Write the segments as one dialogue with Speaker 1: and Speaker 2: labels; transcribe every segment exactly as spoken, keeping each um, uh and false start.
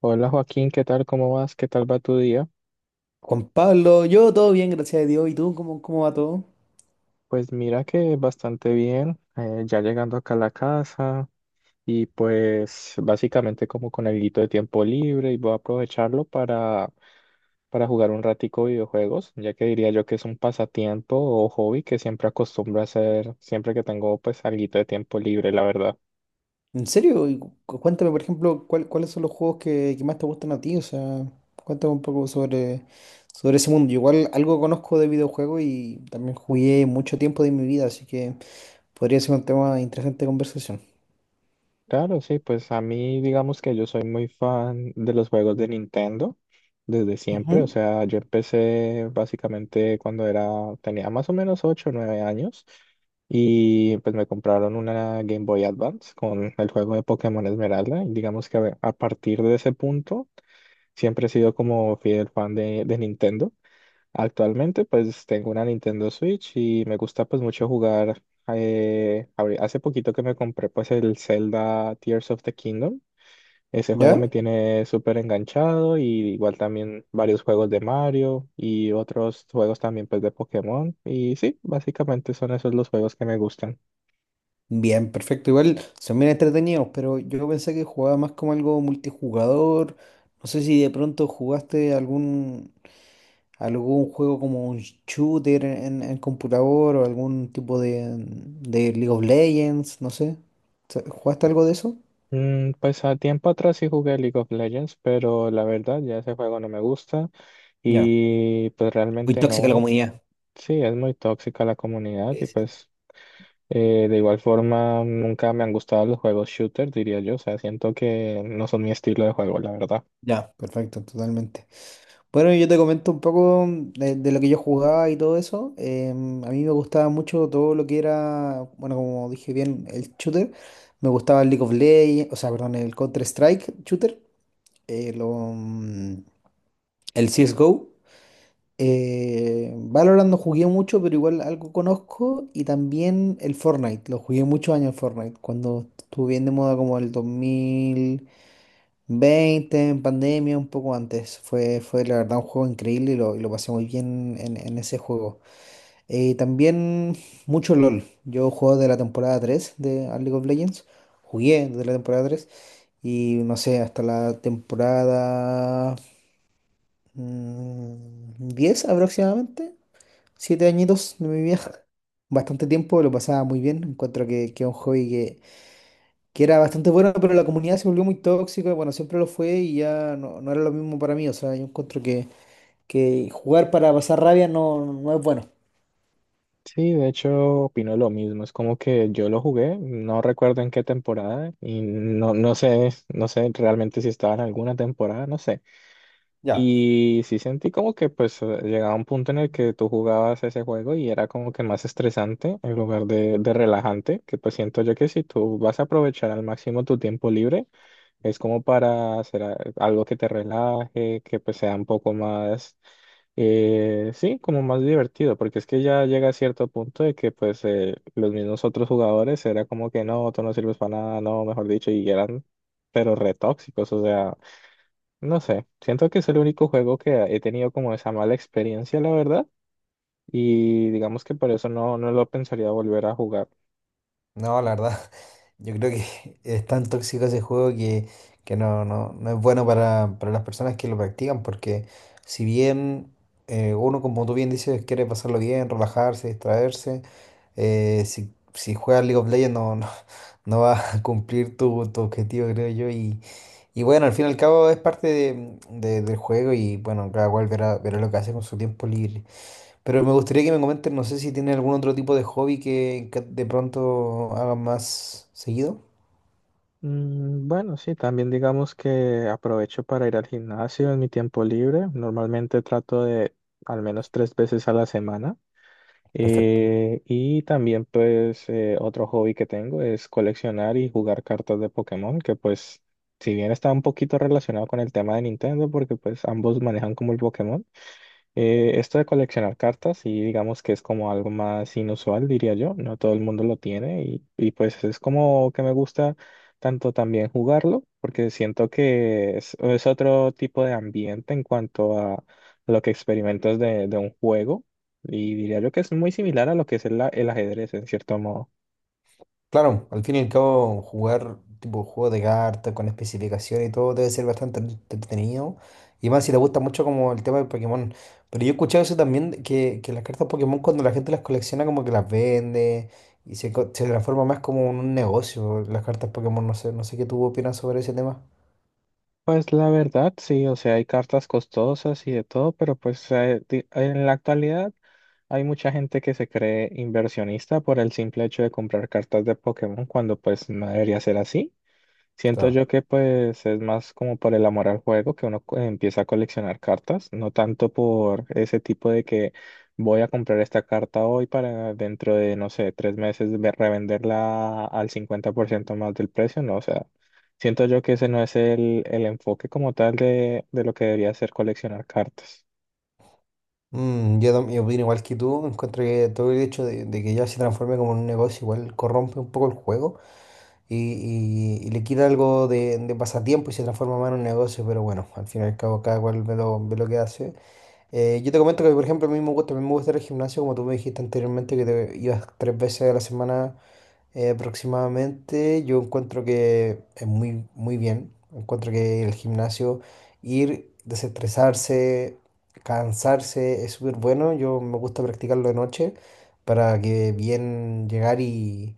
Speaker 1: Hola Joaquín, ¿qué tal? ¿Cómo vas? ¿Qué tal va tu día?
Speaker 2: Juan Pablo, yo todo bien, gracias a Dios. ¿Y tú cómo, cómo va todo?
Speaker 1: Pues mira que bastante bien, eh, ya llegando acá a la casa y pues básicamente como con alguito de tiempo libre y voy a aprovecharlo para, para jugar un ratico videojuegos, ya que diría yo que es un pasatiempo o hobby que siempre acostumbro a hacer siempre que tengo pues alguito de tiempo libre, la verdad.
Speaker 2: ¿En serio? Y cu- cu- cuéntame, por ejemplo, cuál- cuáles son los juegos que, que más te gustan a ti. O sea, cuéntame un poco sobre, sobre ese mundo. Yo igual algo conozco de videojuegos y también jugué mucho tiempo de mi vida, así que podría ser un tema interesante de conversación.
Speaker 1: Claro, sí, pues a mí digamos que yo soy muy fan de los juegos de Nintendo desde siempre, o
Speaker 2: Ujú.
Speaker 1: sea, yo empecé básicamente cuando era, tenía más o menos ocho o nueve años y pues me compraron una Game Boy Advance con el juego de Pokémon Esmeralda y digamos que a a partir de ese punto siempre he sido como fiel fan de, de Nintendo. Actualmente pues tengo una Nintendo Switch y me gusta pues mucho jugar. Eh, abri- hace poquito que me compré pues el Zelda Tears of the Kingdom. Ese juego
Speaker 2: ¿Ya?
Speaker 1: me tiene súper enganchado y igual también varios juegos de Mario y otros juegos también pues de Pokémon. Y sí, básicamente son esos los juegos que me gustan.
Speaker 2: Bien, perfecto. Igual son bien entretenidos, pero yo pensé que jugaba más como algo multijugador. No sé si de pronto jugaste algún algún juego como un shooter en, en computador o algún tipo de, de League of Legends, no sé. ¿Se- ¿Jugaste algo de eso?
Speaker 1: Mm, pues a tiempo atrás sí jugué League of Legends, pero la verdad ya ese juego no me gusta
Speaker 2: Ya.
Speaker 1: y pues
Speaker 2: Muy
Speaker 1: realmente
Speaker 2: tóxica la
Speaker 1: no.
Speaker 2: comunidad.
Speaker 1: Sí, es muy tóxica la comunidad
Speaker 2: Sí,
Speaker 1: y
Speaker 2: sí, sí.
Speaker 1: pues Eh, de igual forma, nunca me han gustado los juegos shooter, diría yo. O sea, siento que no son mi estilo de juego, la verdad.
Speaker 2: Ya, perfecto, totalmente. Bueno, yo te comento un poco mm, de, de lo que yo jugaba y todo eso. Em, a mí me gustaba mucho todo lo que era, bueno, como dije bien, el shooter. Me gustaba el League of Legends, o sea, perdón, el Counter-Strike shooter, eh, lo, mm, el C S G O. Eh, Valorant no jugué mucho, pero igual algo conozco. Y también el Fortnite, lo jugué muchos años en Fortnite, cuando estuvo bien de moda como el dos mil veinte en pandemia, un poco antes. Fue, fue la verdad un juego increíble y lo, y lo pasé muy bien en, en ese juego. Eh, también mucho LOL. Yo juego de la temporada tres de a League of Legends. Jugué desde la temporada tres y no sé, hasta la temporada mm, diez aproximadamente. Siete añitos de mi vida, bastante tiempo, lo pasaba muy bien. Encuentro que, que es un hobby que, que era bastante bueno, pero la comunidad se volvió muy tóxica. Bueno, siempre lo fue y ya no, no era lo mismo para mí. O sea, yo encuentro que, que jugar para pasar rabia no, no es bueno.
Speaker 1: Sí, de hecho, opino lo mismo. Es como que yo lo jugué, no recuerdo en qué temporada y no, no sé, no sé realmente si estaba en alguna temporada, no sé.
Speaker 2: Ya.
Speaker 1: Y sí sentí como que pues eh, llegaba un punto en el que tú jugabas ese juego y era como que más estresante en lugar de, de relajante, que pues siento yo que si tú vas a aprovechar al máximo tu tiempo libre, es como para hacer a- algo que te relaje, que pues sea un poco más, eh, sí, como más divertido, porque es que ya llega a cierto punto de que pues eh, los mismos otros jugadores era como que no, tú no sirves para nada, no, mejor dicho, y eran pero re tóxicos, o sea, no sé, siento que es el único juego que he tenido como esa mala experiencia, la verdad, y digamos que por eso no, no lo pensaría volver a jugar.
Speaker 2: No, la verdad, yo creo que es tan tóxico ese juego que, que no, no, no es bueno para, para las personas que lo practican, porque si bien eh, uno, como tú bien dices, quiere pasarlo bien, relajarse, distraerse, eh, si, si juegas League of Legends no, no, no va a cumplir tu, tu objetivo, creo yo, y, y bueno, al fin y al cabo es parte de- de- del juego y bueno, cada cual verá, verá lo que hace con su tiempo libre. Pero me gustaría que me comenten, no sé si tienen algún otro tipo de hobby que, que de pronto hagan más seguido.
Speaker 1: Mm, Bueno, sí, también digamos que aprovecho para ir al gimnasio en mi tiempo libre. Normalmente trato de al menos tres veces a la semana.
Speaker 2: Perfecto.
Speaker 1: Eh, y también pues eh, otro hobby que tengo es coleccionar y jugar cartas de Pokémon, que pues si bien está un poquito relacionado con el tema de Nintendo, porque pues ambos manejan como el Pokémon, eh, esto de coleccionar cartas, y digamos que es como algo más inusual, diría yo, no todo el mundo lo tiene y, y pues es como que me gusta tanto también jugarlo, porque siento que es, es otro tipo de ambiente en cuanto a lo que experimentas de, de un juego y diría yo que es muy similar a lo que es el, a- el ajedrez en cierto modo.
Speaker 2: Claro, al fin y al cabo, jugar tipo juego de cartas con especificaciones y todo debe ser bastante entre- entretenido. Y más si te gusta mucho como el tema de Pokémon. Pero yo he escuchado eso también, de que, que las cartas Pokémon cuando la gente las colecciona como que las vende y se, co- se transforma más como en un negocio las cartas Pokémon. No sé, no sé qué tú opinas sobre ese tema.
Speaker 1: Pues la verdad, sí, o sea, hay cartas costosas y de todo, pero pues eh, di- en la actualidad hay mucha gente que se cree inversionista por el simple hecho de comprar cartas de Pokémon cuando pues no debería ser así. Siento
Speaker 2: Claro.
Speaker 1: yo que pues es más como por el amor al juego que uno co- empieza a coleccionar cartas, no tanto por ese tipo de que voy a comprar esta carta hoy para dentro de, no sé, tres meses ve- revenderla al cincuenta por ciento más del precio, no, o sea, siento yo que ese no es el, el enfoque como tal de, de lo que debería ser coleccionar cartas.
Speaker 2: Mm, yo, tam- yo opino igual que tú, encuentro que todo el hecho de, de que ya se transforme como en un negocio igual corrompe un poco el juego y, y- y le quita algo de, de pasatiempo y se transforma más en un negocio, pero bueno, al fin y al cabo cada cual ve lo, ve lo que hace. Eh, yo te comento que por ejemplo a mí me gusta, a mí me gusta ir al gimnasio, como tú me dijiste anteriormente que te ibas tres veces a la semana eh, aproximadamente, yo encuentro que es muy, muy bien. Encuentro que el gimnasio, ir, desestresarse, cansarse, es súper bueno. Yo me gusta practicarlo de noche para que bien llegar y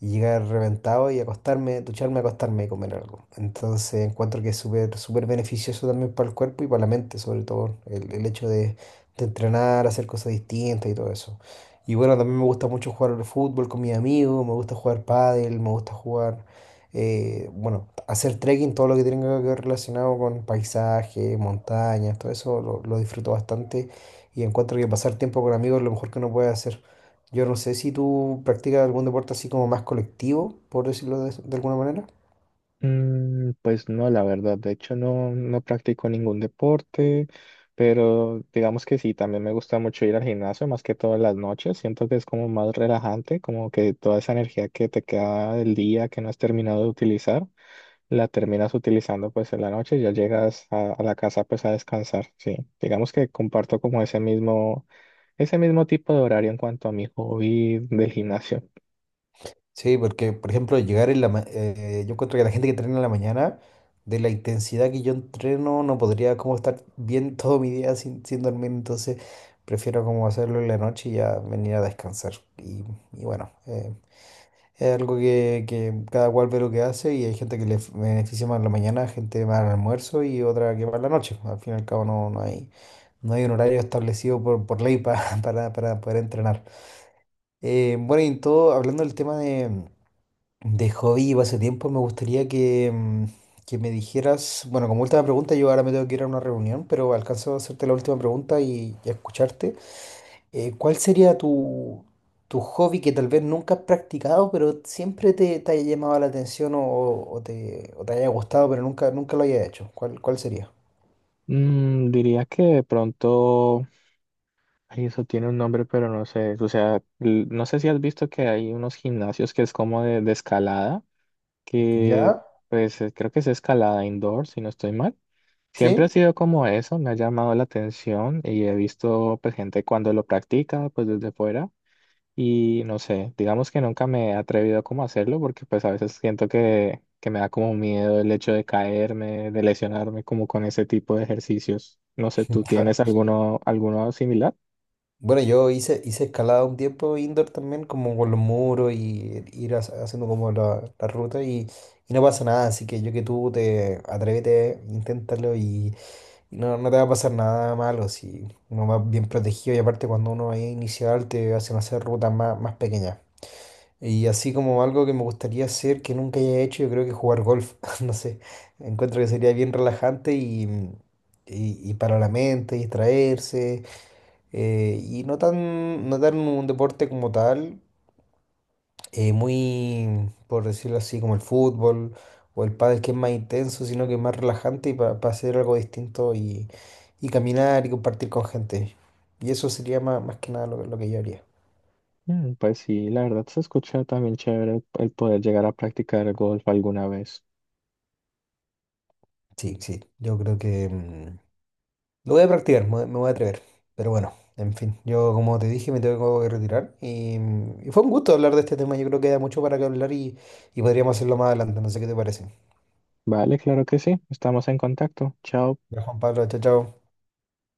Speaker 2: y llegar reventado y acostarme, ducharme, acostarme y comer algo. Entonces encuentro que es súper, súper beneficioso también para el cuerpo y para la mente, sobre todo el, el hecho de, de entrenar, hacer cosas distintas y todo eso. Y bueno, también me gusta mucho jugar al fútbol con mis amigos, me gusta jugar pádel, me gusta jugar, eh, bueno, hacer trekking, todo lo que tenga que ver relacionado con paisajes, montañas, todo eso lo, lo disfruto bastante y encuentro que pasar tiempo con amigos es lo mejor que uno puede hacer. Yo no sé si tú practicas algún deporte así como más colectivo, por decirlo de, de alguna manera.
Speaker 1: Mm, pues no, la verdad, de hecho no, no practico ningún deporte, pero digamos que sí, también me gusta mucho ir al gimnasio, más que todas las noches, siento que es como más relajante, como que toda esa energía que te queda del día que no has terminado de utilizar, la terminas utilizando pues en la noche y ya llegas a, a la casa pues a descansar, sí, digamos que comparto como ese mismo, ese mismo tipo de horario en cuanto a mi hobby del gimnasio.
Speaker 2: Sí, porque, por ejemplo, llegar en la... ma- eh, yo encuentro que la gente que entrena en la mañana, de la intensidad que yo entreno, no podría como estar bien todo mi día sin, sin dormir, entonces prefiero como hacerlo en la noche y ya venir a descansar. Y, y bueno, eh, es algo que, que cada cual ve lo que hace y hay gente que le f- beneficia más en la mañana, gente más al almuerzo y otra que más en la noche. Al fin y al cabo no, no hay, no hay un horario establecido por, por ley pa- para, para poder entrenar. Eh, bueno, y en todo, hablando del tema de, de hobby y pasatiempos, me gustaría que, mm, que me dijeras, bueno, como última pregunta, yo ahora me tengo que ir a una reunión, pero alcanzo a hacerte la última pregunta y, y a escucharte. Eh, ¿cuál sería tu, tu hobby que tal vez nunca has practicado, pero siempre te, te haya llamado la atención o, o te, o te haya gustado, pero nunca, nunca lo haya hecho? ¿Cuál, ¿cuál sería?
Speaker 1: Mm, diría que de pronto... Ay, eso tiene un nombre, pero no sé. O sea, l- no sé si has visto que hay unos gimnasios que es como de, de escalada, que
Speaker 2: ¿Ya?
Speaker 1: pues eh, creo que es escalada indoor, si no estoy mal. Siempre ha
Speaker 2: ¿Sí?
Speaker 1: sido como eso, me ha llamado la atención y he visto pues, gente cuando lo practica, pues desde fuera. Y no sé, digamos que nunca me he atrevido como a hacerlo porque pues a veces siento que, que me da como miedo el hecho de caerme, de lesionarme como con ese tipo de ejercicios. No sé, ¿tú
Speaker 2: Claro.
Speaker 1: tienes alguno, alguno similar?
Speaker 2: Bueno, yo hice, hice escalada un tiempo indoor también, como con los muros y ir hac- haciendo como la, la ruta y, y no pasa nada, así que yo que tú te atrévete, inténtalo y, no, no te va a pasar nada malo si uno va bien protegido y aparte cuando uno es inicial te hacen hacer rutas más, más pequeñas. Y así como algo que me gustaría hacer que nunca haya hecho, yo creo que jugar golf, no sé, encuentro que sería bien relajante y, y, y para la mente, distraerse, eh, y no tan, no tan un deporte como tal, eh, muy, por decirlo así, como el fútbol o el pádel, que es más intenso, sino que es más relajante y para hacer algo distinto y, y caminar y compartir con gente. Y eso sería más, más que nada lo, lo que yo haría.
Speaker 1: Mm, Pues sí, la verdad se escucha también chévere el poder llegar a practicar golf alguna vez.
Speaker 2: Sí, sí, yo creo que mm, lo voy a practicar, me, me voy a atrever. Pero bueno, en fin, yo como te dije me tengo que retirar y, mm, y fue un gusto hablar de este tema, yo creo que da mucho para que hablar y, y podríamos hacerlo más adelante, no sé qué te parece.
Speaker 1: Vale, claro que sí, estamos en contacto. Chao.
Speaker 2: Ya, Juan Pablo, chao, chao.